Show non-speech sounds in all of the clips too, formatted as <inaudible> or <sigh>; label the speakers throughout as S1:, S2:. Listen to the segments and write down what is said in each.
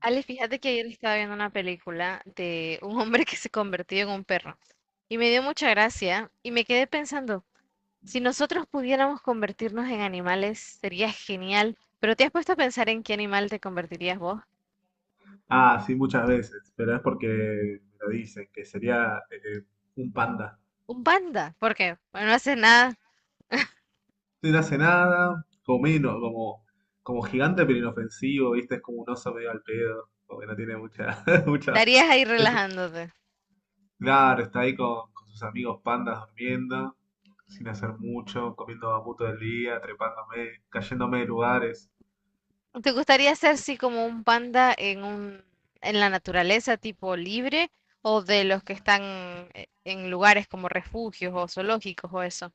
S1: Ale, fíjate que ayer estaba viendo una película de un hombre que se convirtió en un perro y me dio mucha gracia y me quedé pensando, si nosotros pudiéramos convertirnos en animales, sería genial, pero ¿te has puesto a pensar en qué animal te convertirías vos?
S2: Ah, sí, muchas veces, pero es porque me lo dicen, que sería un panda.
S1: Un panda, porque bueno, no haces nada,
S2: No hace nada, como gigante pero inofensivo, ¿viste? Es como un oso medio al pedo, porque no tiene mucha, <laughs> mucha...
S1: estarías ahí
S2: es-
S1: relajándote.
S2: claro, está ahí con sus amigos pandas durmiendo, sin hacer mucho, comiendo bambuto del día, trepándome, cayéndome de lugares.
S1: ¿Te gustaría ser así como un panda en la naturaleza, tipo libre, o de los que están en lugares como refugios o zoológicos o eso?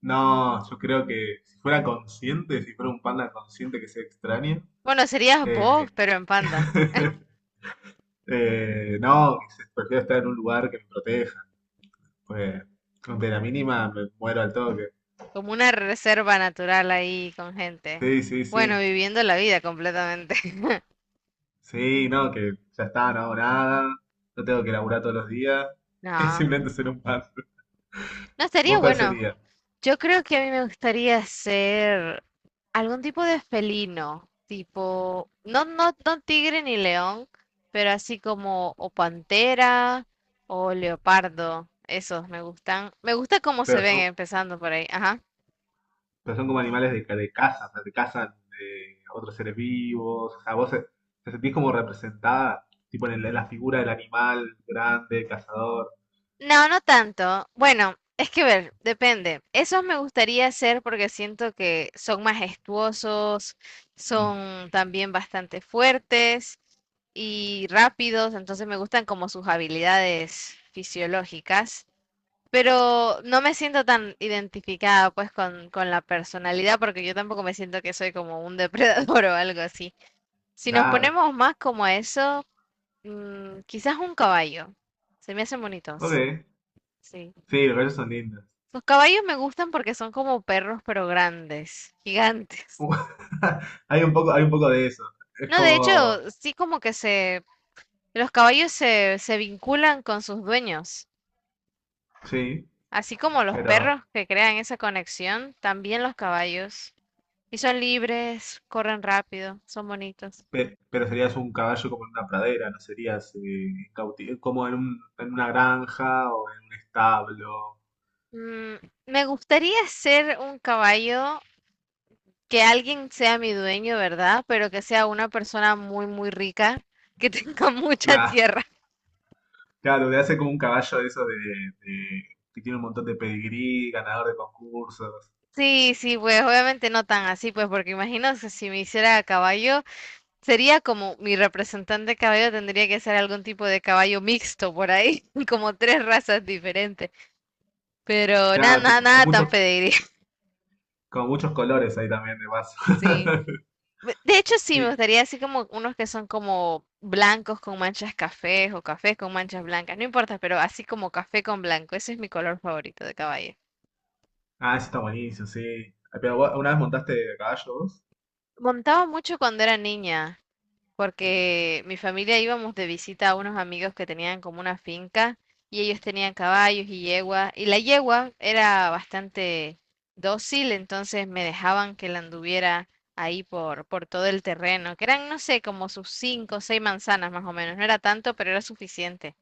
S2: No, yo creo que si fuera consciente, si fuera un panda consciente que se extraña,
S1: Bueno, serías vos,
S2: eh,
S1: pero en panda,
S2: <laughs> No, prefiero estar en un lugar que me proteja. Pues, ante la mínima me muero al toque.
S1: como una reserva natural ahí con gente.
S2: Sí, sí,
S1: Bueno,
S2: sí.
S1: viviendo la vida completamente. <laughs>
S2: Sí, no, que ya está, no hago nada. No tengo que laburar todos los días. <laughs> Es
S1: No,
S2: simplemente ser un pan.
S1: no estaría
S2: ¿Vos cuál
S1: bueno.
S2: sería?
S1: Yo creo que a mí me gustaría ser algún tipo de felino, tipo, no, no, no tigre ni león, pero así como o pantera o leopardo. Esos me gustan. Me gusta cómo se
S2: Pero
S1: ven
S2: son,
S1: empezando por ahí. Ajá.
S2: pero son como animales de caza, o sea, te cazan otros seres vivos. O sea, te sentís como representada, tipo en la figura del animal grande, cazador.
S1: No, no tanto. Bueno, es que ver, depende. Esos me gustaría hacer porque siento que son majestuosos,
S2: Mm,
S1: son también bastante fuertes y rápidos, entonces me gustan como sus habilidades fisiológicas, pero no me siento tan identificada pues con la personalidad porque yo tampoco me siento que soy como un depredador <laughs> o algo así. Si nos
S2: claro.
S1: ponemos más como a eso, quizás un caballo. Se me hacen bonitos.
S2: Ok.
S1: Sí.
S2: Sí, los gallos son lindos.
S1: Los caballos me gustan porque son como perros, pero grandes, gigantes.
S2: <laughs> Hay un poco de eso. Es
S1: No, de
S2: como,
S1: hecho, sí como que los caballos se vinculan con sus dueños.
S2: sí,
S1: Así como los
S2: pero,
S1: perros que crean esa conexión, también los caballos. Y son libres, corren rápido, son bonitos.
S2: pero serías un caballo como en una pradera, no serías como en en una granja o en un establo.
S1: Mm, me gustaría ser un caballo que alguien sea mi dueño, ¿verdad? Pero que sea una persona muy, muy rica, que tenga <laughs> mucha
S2: Claro,
S1: tierra.
S2: claro, te hace como un caballo de esos de- que tiene un montón de pedigrí, ganador de concursos.
S1: Sí, sí, pues obviamente no tan así, pues porque imagino que si me hiciera a caballo, sería como mi representante caballo tendría que ser algún tipo de caballo mixto por ahí, <laughs> como tres razas diferentes, pero nada,
S2: Claro,
S1: nada,
S2: tipo,
S1: nada tan pediría, <laughs>
S2: con muchos colores ahí también de paso.
S1: sí.
S2: <laughs>
S1: De hecho, sí,
S2: Y,
S1: me gustaría así como unos que son como blancos con manchas cafés o cafés con manchas blancas, no importa, pero así como café con blanco, ese es mi color favorito de caballo.
S2: ah, eso está buenísimo, sí. Pero, ¿vos una vez montaste a caballo vos?
S1: Montaba mucho cuando era niña,
S2: Mm.
S1: porque mi familia íbamos de visita a unos amigos que tenían como una finca y ellos tenían caballos y yegua y la yegua era bastante dócil, entonces me dejaban que la anduviera ahí por todo el terreno, que eran, no sé, como sus cinco o seis manzanas más o menos, no era tanto, pero era suficiente.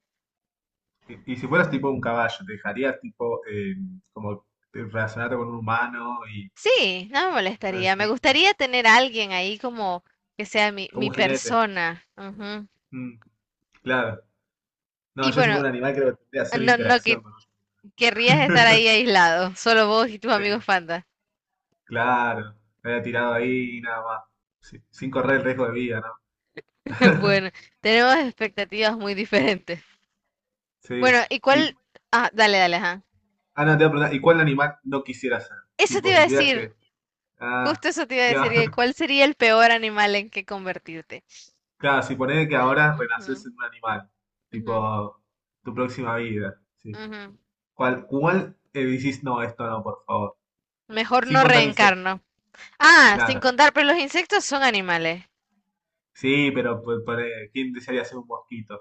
S2: Y si fueras tipo un caballo, ¿te dejarías tipo como relacionarte con un humano y
S1: Sí, no me
S2: cosas
S1: molestaría, me
S2: así?
S1: gustaría tener a alguien ahí como que sea mi,
S2: Como
S1: mi
S2: un jinete.
S1: persona. Ujú.
S2: Mm, claro. No,
S1: Y
S2: yo si
S1: bueno,
S2: fuera un animal creo que tendría que hacer
S1: no, no
S2: interacción
S1: que
S2: con un
S1: querrías estar ahí aislado, solo vos y tus amigos
S2: jinete.
S1: fantas.
S2: Claro. Me había tirado ahí y nada más. Sí, sin correr el riesgo de vida, ¿no?
S1: <laughs>
S2: <laughs>
S1: Bueno, tenemos expectativas muy diferentes.
S2: Sí.
S1: Bueno, ¿y
S2: Y,
S1: cuál? Ah, dale, dale, ajá.
S2: ah, no, te voy a preguntar, ¿y cuál animal no quisieras ser?
S1: Eso te
S2: Tipo,
S1: iba a
S2: si tuvieras
S1: decir,
S2: que... Ah,
S1: justo eso te iba a decir,
S2: ya.
S1: que
S2: <laughs>
S1: ¿cuál sería el peor animal en que convertirte?
S2: Claro, si ponés que
S1: Ah,
S2: ahora
S1: ujú,
S2: renaces en un animal.
S1: ujú,
S2: Tipo, tu próxima vida. Sí.
S1: ujú.
S2: Cuál decís, no, esto no, por favor?
S1: Mejor
S2: Sin
S1: no
S2: contar insectos,
S1: reencarno. Ah, sin
S2: claro.
S1: contar, pero los insectos son animales.
S2: Sí, pero pone, ¿quién desearía ser un mosquito?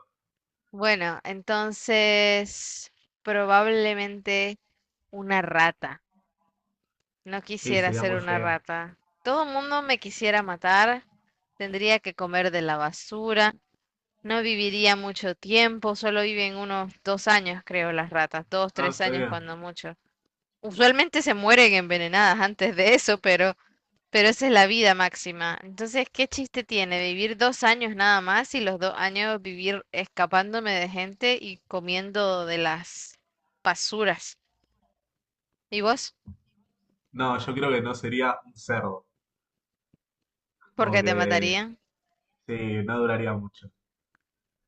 S1: Bueno, entonces probablemente una rata. No
S2: Y
S1: quisiera
S2: sería
S1: ser
S2: muy
S1: una
S2: feo.
S1: rata. Todo el mundo me quisiera matar. Tendría que comer de la basura. No viviría mucho tiempo, solo viven unos dos años, creo, las ratas, dos,
S2: No,
S1: tres años
S2: sería.
S1: cuando mucho. Usualmente se mueren envenenadas antes de eso, pero esa es la vida máxima. Entonces, ¿qué chiste tiene vivir dos años nada más y los dos años vivir escapándome de gente y comiendo de las basuras? ¿Y vos?
S2: No, yo creo que no sería un cerdo.
S1: ¿Por
S2: Como
S1: qué te
S2: que,
S1: matarían?
S2: sí, no duraría mucho.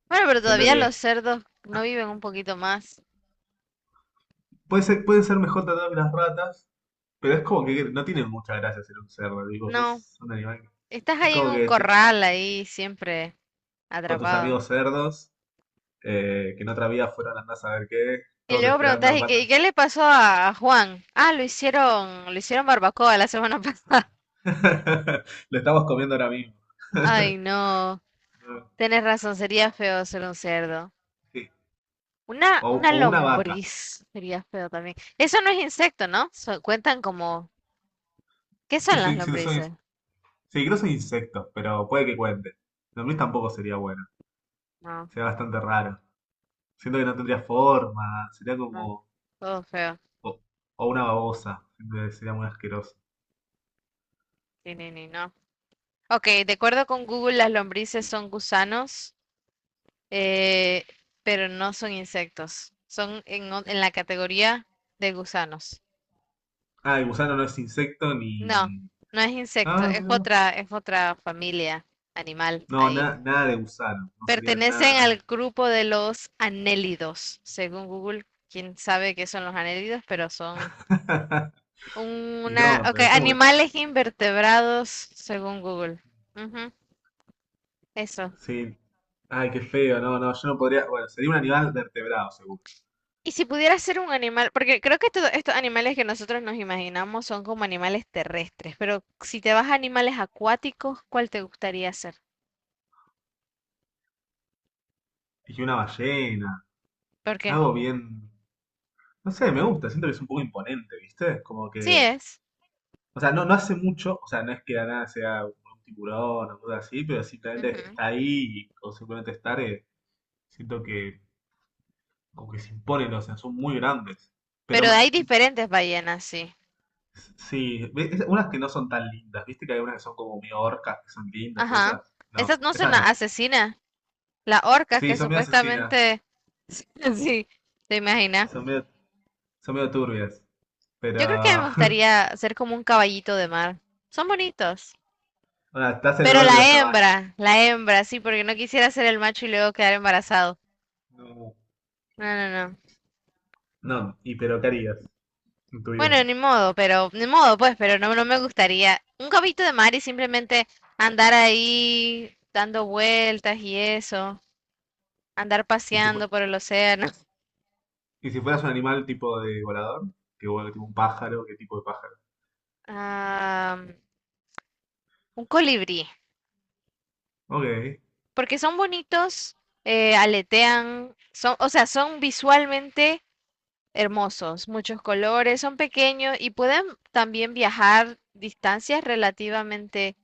S1: Bueno, pero
S2: Siento
S1: todavía los
S2: que
S1: cerdos no viven un poquito más.
S2: puede ser, pueden ser mejor tratados que las ratas, pero es como que no tienen mucha gracia ser un cerdo. Digo,
S1: No,
S2: sos un animal. Que-
S1: estás
S2: Es
S1: ahí en
S2: como
S1: un
S2: que te-
S1: corral, ahí siempre
S2: con tus
S1: atrapado.
S2: amigos cerdos, que en otra vida fueron andás a ver qué,
S1: Y
S2: todos
S1: luego preguntas,
S2: esperando
S1: ¿y qué, y
S2: cuándo
S1: qué le pasó a Juan? Ah, lo hicieron barbacoa la semana <laughs> pasada.
S2: <laughs> lo estamos comiendo ahora mismo.
S1: Ay,
S2: <laughs>
S1: no.
S2: No,
S1: Tienes razón,
S2: no,
S1: sería feo ser un cerdo.
S2: sí.
S1: Una,
S2: O,
S1: una
S2: o una vaca.
S1: lombriz sería feo también. Eso no es insecto, ¿no? Cuentan como. ¿Qué
S2: Es que
S1: son las
S2: soy, si no soy, sí,
S1: lombrices?
S2: creo que soy insecto, pero puede que cuente. La mí tampoco sería bueno.
S1: No,
S2: Sería bastante raro. Siento que no tendría forma. Sería
S1: no,
S2: como.
S1: todo feo.
S2: O, o una babosa. Siento que sería muy asqueroso.
S1: Ni, ni, ni, no. Ok, de acuerdo con Google, las lombrices son gusanos, eh, pero no son insectos. Son en la categoría de gusanos.
S2: Ah, el gusano no es insecto
S1: No,
S2: ni.
S1: no es insecto,
S2: Ah,
S1: es
S2: mira.
S1: otra, es otra familia animal
S2: No,
S1: ahí.
S2: nada de gusano. No sería
S1: Pertenecen
S2: nada,
S1: al grupo de los anélidos, según Google. Quién sabe qué son los anélidos, pero son
S2: nada. <laughs> Y no,
S1: okay,
S2: pero ¿como que no?
S1: animales invertebrados, según Google. Ujú, eso.
S2: Sí. Ay, qué feo. No, no, yo no podría. Bueno, sería un animal vertebrado, seguro.
S1: Y si pudiera ser un animal, porque creo que todos estos animales que nosotros nos imaginamos son como animales terrestres, pero si te vas a animales acuáticos, ¿cuál te gustaría ser?
S2: Y una ballena.
S1: ¿Por qué?
S2: Algo bien. No sé, me gusta. Siento que es un poco imponente, ¿viste? Como
S1: Sí
S2: que.
S1: es.
S2: O sea, no, no hace mucho. O sea, no es que la nada sea un tiburón o algo así, pero simplemente
S1: Ujú.
S2: está ahí y- o simplemente estar. Siento que. Como que se imponen, o sea, son muy grandes. Pero
S1: Pero hay diferentes ballenas, sí.
S2: sí, unas que no son tan lindas, ¿viste? Que hay unas que son como medio orcas, que son lindas,
S1: Ajá.
S2: esas. No,
S1: Esas no son
S2: esas
S1: las
S2: no.
S1: asesinas, las orcas
S2: Sí,
S1: que
S2: son medio asesinas.
S1: supuestamente. <laughs> Sí, te imaginas.
S2: Son medio Son medio turbias, pero
S1: Yo
S2: <laughs>
S1: creo que me
S2: ah,
S1: gustaría ser como un caballito de mar. Son bonitos.
S2: estás en el
S1: Pero
S2: orden de los caballos.
S1: la hembra, sí, porque no quisiera ser el macho y luego quedar embarazado.
S2: No,
S1: No, no, no.
S2: no, y pero ¿qué harías en tu vida?
S1: Bueno, ni modo, pero, ni modo, pues, pero no, no me gustaría un caballito de mar y simplemente andar ahí dando vueltas y eso, andar
S2: ¿Y si,
S1: paseando por el océano.
S2: y si fueras un animal tipo de volador? Que vuela tipo un pájaro, ¿qué tipo de pájaro?
S1: Ah, un colibrí,
S2: Ok.
S1: porque son bonitos, aletean, o sea, son visualmente hermosos, muchos colores, son pequeños y pueden también viajar distancias relativamente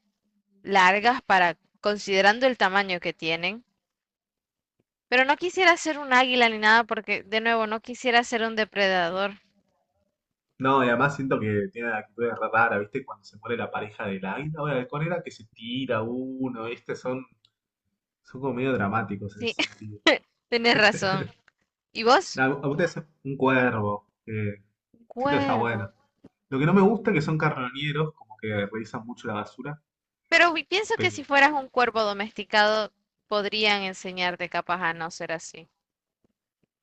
S1: largas para considerando el tamaño que tienen. Pero no quisiera ser un águila ni nada porque, de nuevo, no quisiera ser un depredador.
S2: No, y además siento que tiene actitudes raras, ¿viste? Cuando se muere la pareja del águila o el halcón era que se tira uno, ¿viste? Son, son como medio dramáticos en
S1: Sí,
S2: ese
S1: <laughs>
S2: sentido.
S1: tienes razón. ¿Y vos?
S2: A ustedes un cuervo, que
S1: Un
S2: siento que está bueno.
S1: cuervo.
S2: Lo que no me gusta es que son carroñeros, como que revisan mucho la basura.
S1: Pero pienso que si fueras un cuervo domesticado, podrían enseñarte capaz a no ser así.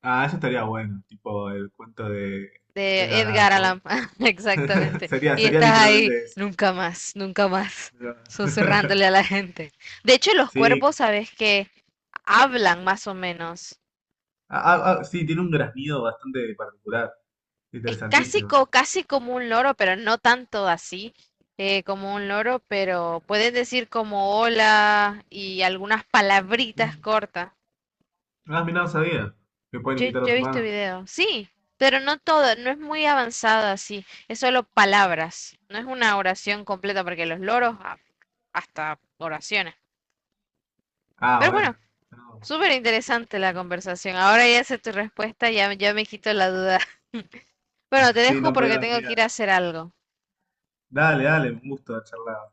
S2: Ah, eso estaría bueno, tipo el cuento de
S1: De
S2: Edgar Allan
S1: Edgar Allan
S2: Poe.
S1: Poe, <laughs>
S2: <laughs>
S1: exactamente.
S2: Sería,
S1: Y
S2: sería
S1: estás ahí,
S2: literalmente eso.
S1: nunca más, nunca más,
S2: Pero- <laughs>
S1: susurrándole a la gente. De hecho, los cuervos,
S2: Sí,
S1: sabes que hablan más o menos.
S2: ah, ah, ah, sí, tiene un graznido bastante particular,
S1: Es casi,
S2: interesantísimo.
S1: casi como un loro, pero no tanto así como un loro, pero pueden decir como hola y algunas palabritas
S2: Mm,
S1: cortas.
S2: ah, mira, no sabía que pueden
S1: Yo,
S2: imitar a
S1: yo he
S2: los
S1: visto
S2: humanos.
S1: video, sí, pero no todo, no es muy avanzado así, es solo palabras, no es una oración completa porque los loros hasta oraciones.
S2: Ah,
S1: Pero
S2: bueno.
S1: bueno,
S2: No.
S1: súper interesante la conversación. Ahora ya sé tu respuesta, ya, ya me quito la duda. <laughs> Bueno, te
S2: Sí,
S1: dejo
S2: no podía
S1: porque tengo
S2: dormir.
S1: que ir a hacer algo.
S2: Dale, dale, un gusto charlar.